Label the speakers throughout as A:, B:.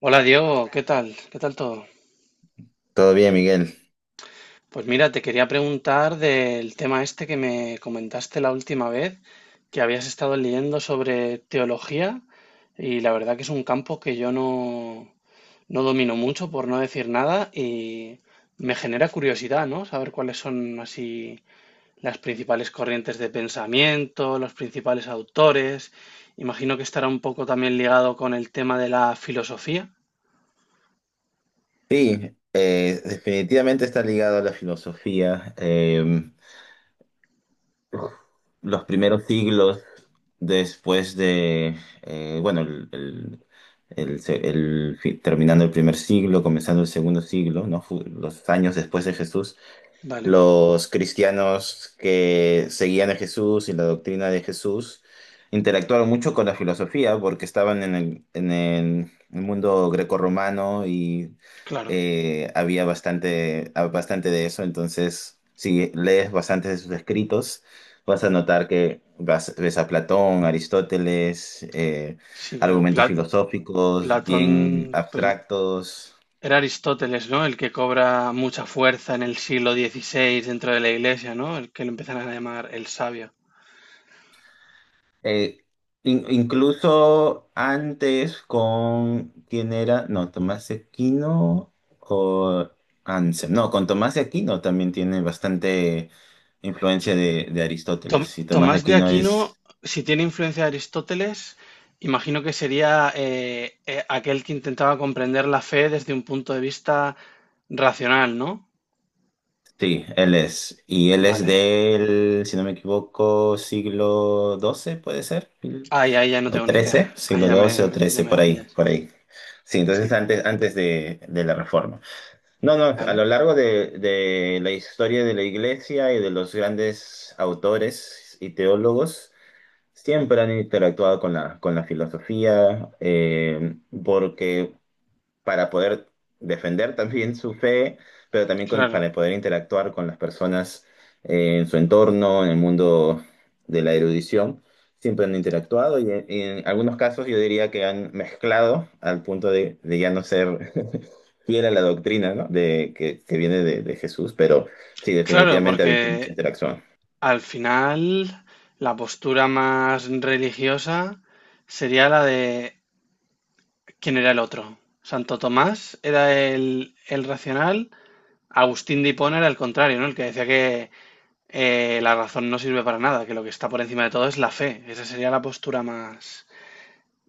A: Hola Diego, ¿qué tal? ¿Qué tal todo?
B: Todo bien, Miguel.
A: Pues mira, te quería preguntar del tema este que me comentaste la última vez, que habías estado leyendo sobre teología y la verdad que es un campo que yo no domino mucho, por no decir nada, y me genera curiosidad, ¿no? Saber cuáles son así las principales corrientes de pensamiento, los principales autores. Imagino que estará un poco también ligado con el tema de la filosofía.
B: Sí, definitivamente está ligado a la filosofía. Los primeros siglos después de, bueno, el se- el fi- terminando el primer siglo, comenzando el segundo siglo, ¿no? Los años después de Jesús.
A: Vale,
B: Los cristianos que seguían a Jesús y la doctrina de Jesús interactuaron mucho con la filosofía porque estaban en el mundo grecorromano y
A: claro.
B: había bastante, bastante de eso. Entonces, si lees bastantes de sus escritos, vas a notar que ves a Platón, Aristóteles,
A: Sí,
B: argumentos
A: claro.
B: filosóficos bien
A: Platón, pero
B: abstractos.
A: era Aristóteles, ¿no? El que cobra mucha fuerza en el siglo XVI dentro de la iglesia, ¿no? El que lo empiezan a llamar el sabio.
B: Eh, Incluso antes con, ¿quién era? No, Tomás de Aquino o Anselmo. No, con Tomás de Aquino también tiene bastante influencia de Aristóteles. Y Tomás de
A: Tomás de
B: Aquino
A: Aquino,
B: es,
A: si tiene influencia de Aristóteles, imagino que sería aquel que intentaba comprender la fe desde un punto de vista racional, ¿no?
B: sí, él es. Y él es
A: Vale.
B: del, si no me equivoco, siglo doce puede ser,
A: Ahí ya no
B: o
A: tengo ni idea.
B: trece,
A: Ahí
B: siglo
A: ya
B: doce
A: me,
B: o
A: ya
B: trece,
A: me
B: por ahí,
A: pillas.
B: por ahí. Sí, entonces
A: Sí,
B: antes de la Reforma. No, no, a lo
A: vale.
B: largo de la historia de la iglesia y de los grandes autores y teólogos, siempre han interactuado con la filosofía, porque para poder defender también su fe, pero también
A: Claro.
B: para poder interactuar con las personas en su entorno, en el mundo de la erudición. Siempre han interactuado y en algunos casos yo diría que han mezclado al punto de ya no ser fiel a la doctrina, ¿no? De, que viene de Jesús, pero sí,
A: Claro,
B: definitivamente ha
A: porque
B: habido mucha interacción.
A: al final, la postura más religiosa sería la de ¿quién era el otro? Santo Tomás era el racional, Agustín de Hipona era el contrario, ¿no? El que decía que la razón no sirve para nada, que lo que está por encima de todo es la fe. Esa sería la postura más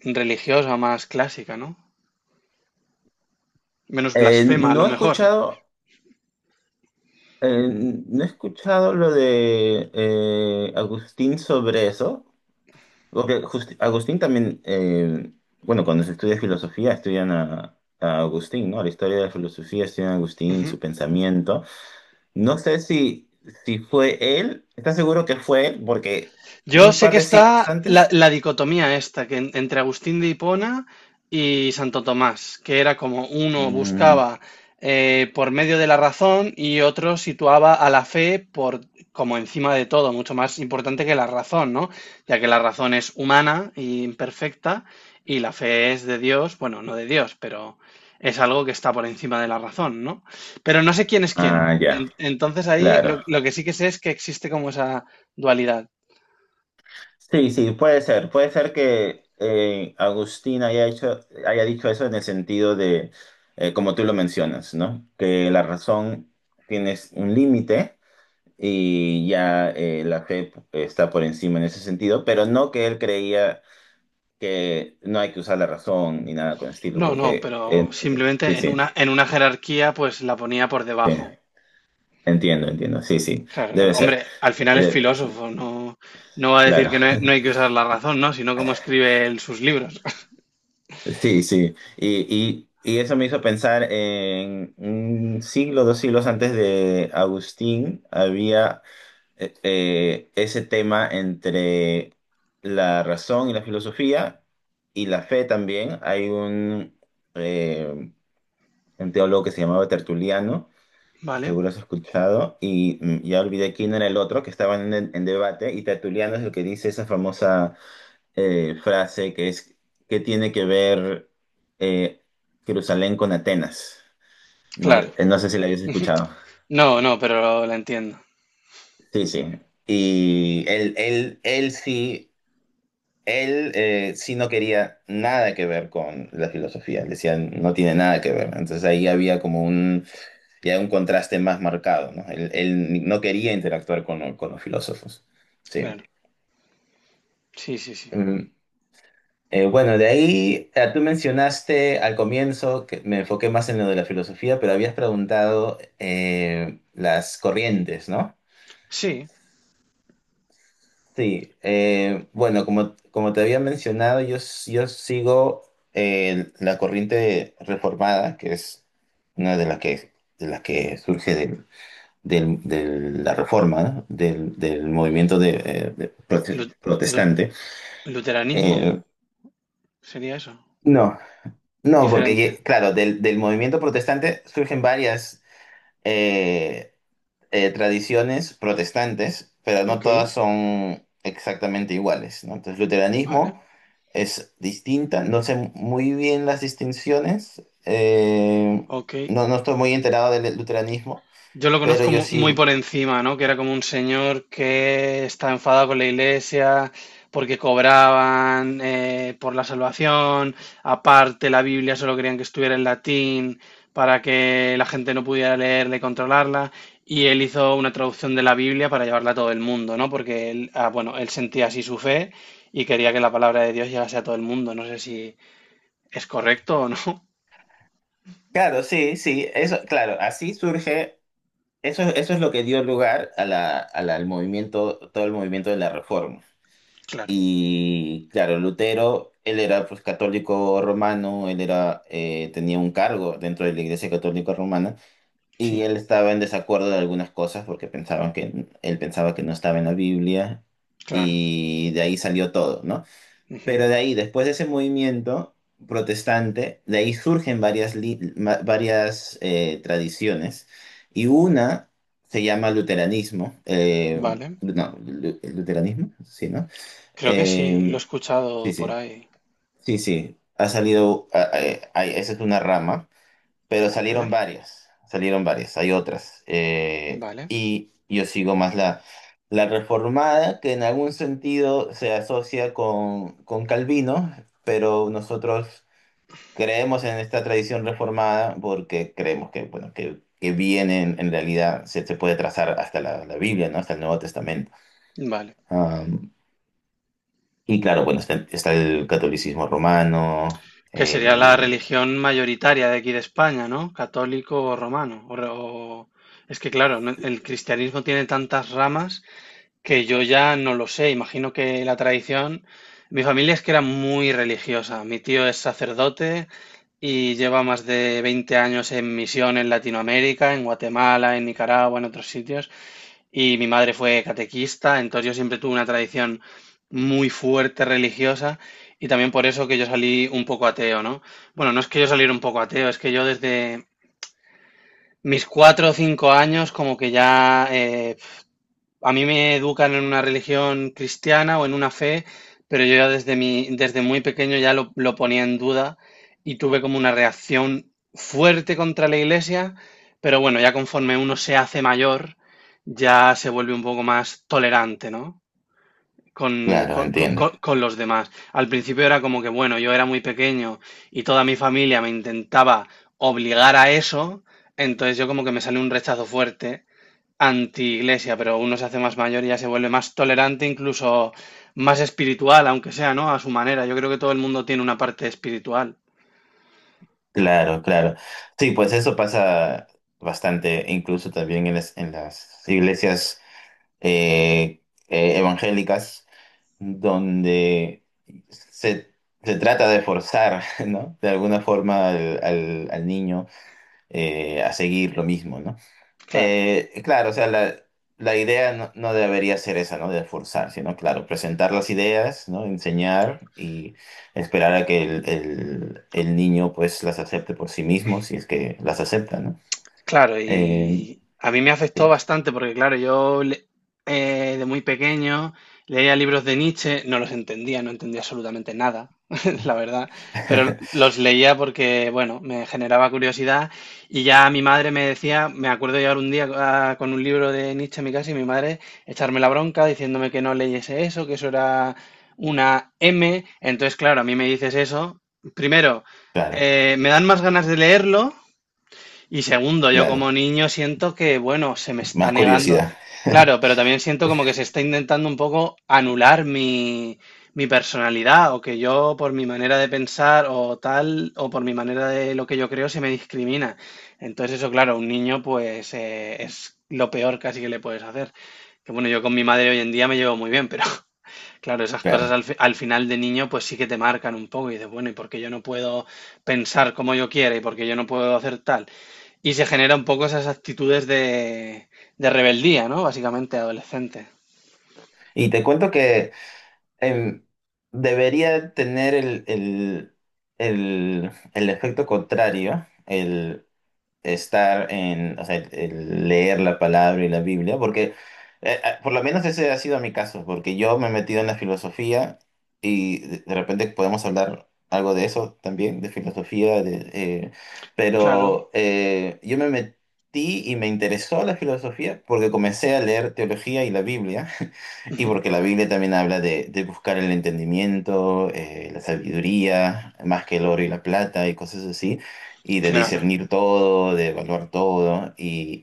A: religiosa, más clásica, ¿no? Menos blasfema, a lo
B: No he
A: mejor.
B: escuchado, eh, no he escuchado lo de Agustín sobre eso. Agustín también, bueno, cuando se estudia filosofía, estudian a Agustín, ¿no? La historia de la filosofía, estudian a Agustín, su pensamiento. No sé si, si fue él, ¿estás seguro que fue él? Porque
A: Yo
B: un
A: sé
B: par
A: que
B: de siglos
A: está la,
B: antes.
A: la dicotomía esta, que entre Agustín de Hipona y Santo Tomás, que era como uno
B: Mm,
A: buscaba por medio de la razón y otro situaba a la fe por como encima de todo, mucho más importante que la razón, ¿no? Ya que la razón es humana e imperfecta y la fe es de Dios, bueno, no de Dios, pero es algo que está por encima de la razón, ¿no? Pero no sé quién es quién.
B: ah, ya,
A: Entonces ahí
B: claro.
A: lo que sí que sé es que existe como esa dualidad.
B: Sí, sí, puede ser. Puede ser que Agustín haya hecho, haya dicho eso en el sentido de, como tú lo mencionas, ¿no? Que la razón tienes un límite y ya la fe está por encima en ese sentido, pero no que él creía que no hay que usar la razón ni nada con el estilo,
A: No, no,
B: porque
A: pero
B: sí, sí,
A: simplemente
B: sí,
A: en una jerarquía pues la ponía por
B: sí,
A: debajo.
B: entiendo, entiendo, sí, sí,
A: Claro,
B: debe
A: claro.
B: ser.
A: Hombre, al final
B: Eh,
A: es
B: de-
A: filósofo, no, no va a decir
B: claro,
A: que no hay que usar la razón, ¿no? Sino cómo escribe él sus libros.
B: sí, sí, y eso me hizo pensar en un siglo, dos siglos antes de Agustín, había ese tema entre la razón y la filosofía y la fe también. Hay eh, un teólogo que se llamaba Tertuliano, que
A: Vale,
B: seguro has escuchado, y mm, ya olvidé quién era el otro, que estaban en debate, y Tertuliano es el que dice esa famosa frase que es, ¿qué tiene que ver eh, Jerusalén con Atenas? No,
A: claro.
B: no sé si la habías escuchado.
A: No, no, pero la entiendo.
B: Sí, sí. Y él sí. Él sí, no quería nada que ver con la filosofía, le decían no tiene nada que ver. Entonces ahí había como un, ya un contraste más marcado, ¿no? Él no quería interactuar con los filósofos. Sí.
A: Claro. Sí, sí, sí.
B: Mm. Bueno, de ahí tú mencionaste al comienzo que me enfoqué más en lo de la filosofía, pero habías preguntado las corrientes, ¿no?
A: Sí,
B: Sí, bueno, como, como te había mencionado, yo sigo la corriente reformada, que es una de las que surge de la reforma, ¿no? Del, del movimiento de,
A: lu- lu-
B: protestante.
A: luteranismo
B: Eh,
A: sería eso.
B: no, no, porque
A: Diferente.
B: claro, del, del movimiento protestante surgen varias eh, tradiciones protestantes, pero no
A: Ok,
B: todas son exactamente iguales, ¿no? Entonces, luteranismo
A: vale.
B: es distinta. No sé muy bien las distinciones.
A: Ok.
B: No, no estoy muy enterado del luteranismo,
A: Yo lo
B: pero
A: conozco
B: yo
A: muy
B: sí.
A: por encima, ¿no? Que era como un señor que estaba enfadado con la iglesia porque cobraban por la salvación. Aparte, la Biblia solo querían que estuviera en latín para que la gente no pudiera leerla y controlarla. Y él hizo una traducción de la Biblia para llevarla a todo el mundo, ¿no? Porque él, ah, bueno, él sentía así su fe y quería que la palabra de Dios llegase a todo el mundo. No sé si es correcto o no.
B: Claro, sí, sí. Eso, claro, así surge. Eso es lo que dio lugar a la, al movimiento, todo el movimiento de la Reforma.
A: Claro,
B: Y claro, Lutero, él era pues, católico romano, él era, tenía un cargo dentro de la Iglesia Católica Romana. Y
A: sí,
B: él estaba en desacuerdo de algunas cosas porque pensaban que él pensaba que no estaba en la Biblia,
A: claro.
B: y de ahí salió todo, ¿no?
A: Ujú,
B: Pero de ahí, después de ese movimiento protestante, de ahí surgen varias, varias tradiciones, y una se llama luteranismo,
A: vale.
B: luteranismo, sí, ¿no?
A: Creo que sí, lo
B: Eh,
A: he escuchado
B: sí,
A: por
B: sí,
A: ahí.
B: sí, sí, ha salido, esa es una rama, pero
A: Vale,
B: salieron varias, hay otras.
A: vale,
B: Y yo sigo más la, la reformada, que en algún sentido se asocia con Calvino, pero nosotros creemos en esta tradición reformada porque creemos que, bueno, que viene en realidad, se puede trazar hasta la, la Biblia, ¿no? Hasta el Nuevo Testamento.
A: vale.
B: Am, y claro, bueno, está, está el catolicismo romano,
A: Que sería la
B: el...
A: religión mayoritaria de aquí de España, ¿no? Católico o romano. Es que claro, el cristianismo tiene tantas ramas que yo ya no lo sé. Imagino que la tradición... Mi familia es que era muy religiosa. Mi tío es sacerdote y lleva más de 20 años en misión en Latinoamérica, en Guatemala, en Nicaragua, en otros sitios. Y mi madre fue catequista, entonces yo siempre tuve una tradición muy fuerte religiosa y también por eso que yo salí un poco ateo, ¿no? Bueno, no es que yo saliera un poco ateo, es que yo desde mis 4 o 5 años como que ya a mí me educan en una religión cristiana o en una fe, pero yo ya desde mi, desde muy pequeño ya lo ponía en duda y tuve como una reacción fuerte contra la iglesia, pero bueno, ya conforme uno se hace mayor, ya se vuelve un poco más tolerante, ¿no? Con,
B: Claro, entiendo.
A: con los demás. Al principio era como que, bueno, yo era muy pequeño y toda mi familia me intentaba obligar a eso, entonces yo como que me salió un rechazo fuerte anti-iglesia, pero uno se hace más mayor y ya se vuelve más tolerante, incluso más espiritual, aunque sea, ¿no? A su manera. Yo creo que todo el mundo tiene una parte espiritual.
B: Claro, claro. Sí, pues eso pasa bastante, incluso también en las iglesias eh, evangélicas, donde se, se trata de forzar, ¿no? De alguna forma al, al niño a seguir lo mismo, ¿no?
A: Claro.
B: Claro, o sea, la idea no, no debería ser esa, ¿no? De forzar, sino, claro, presentar las ideas, ¿no? Enseñar y esperar a que el, el niño, pues, las acepte por sí mismo, si es que las acepta, ¿no?
A: Claro,
B: Eh,
A: y a mí me afectó
B: sí.
A: bastante porque, claro, de muy pequeño leía libros de Nietzsche, no los entendía, no entendía absolutamente nada, la verdad, pero los leía porque, bueno, me generaba curiosidad y ya mi madre me decía, me acuerdo llegar un día ah, con un libro de Nietzsche en mi casa y mi madre echarme la bronca diciéndome que no leyese eso, que eso era una M, entonces, claro, a mí me dices eso, primero,
B: Claro,
A: me dan más ganas de leerlo. Y segundo, yo
B: claro.
A: como niño siento que, bueno, se me está
B: Más
A: negando.
B: curiosidad.
A: Claro, pero también siento como que se está intentando un poco anular mi personalidad, o que yo por mi manera de pensar o tal, o por mi manera de lo que yo creo, se me discrimina. Entonces eso, claro, a un niño pues es lo peor casi que le puedes hacer. Que bueno, yo con mi madre hoy en día me llevo muy bien, pero claro, esas cosas
B: Claro.
A: al final de niño pues sí que te marcan un poco y dices, bueno, ¿y por qué yo no puedo pensar como yo quiera? ¿Y por qué yo no puedo hacer tal? Y se genera un poco esas actitudes de rebeldía, ¿no? Básicamente adolescente.
B: Y te cuento que em, debería tener el efecto contrario, el, estar en, o sea, el leer la palabra y la Biblia, porque por lo menos ese ha sido mi caso, porque yo me he metido en la filosofía y de repente podemos hablar algo de eso también, de filosofía, de,
A: Claro,
B: pero yo me metí y me interesó la filosofía porque comencé a leer teología y la Biblia. Y
A: ujú,
B: porque la Biblia también habla de buscar el entendimiento, la sabiduría, más que el oro y la plata y cosas así, y de
A: claro.
B: discernir todo, de evaluar todo.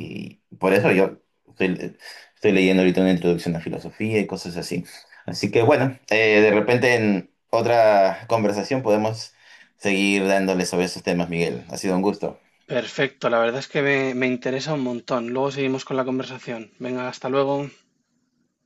B: Y por eso yo estoy, estoy leyendo ahorita una introducción a filosofía y cosas así. Así que bueno, de repente en otra conversación podemos seguir dándole sobre esos temas, Miguel. Ha sido un gusto.
A: Perfecto, la verdad es que me interesa un montón. Luego seguimos con la conversación. Venga, hasta luego.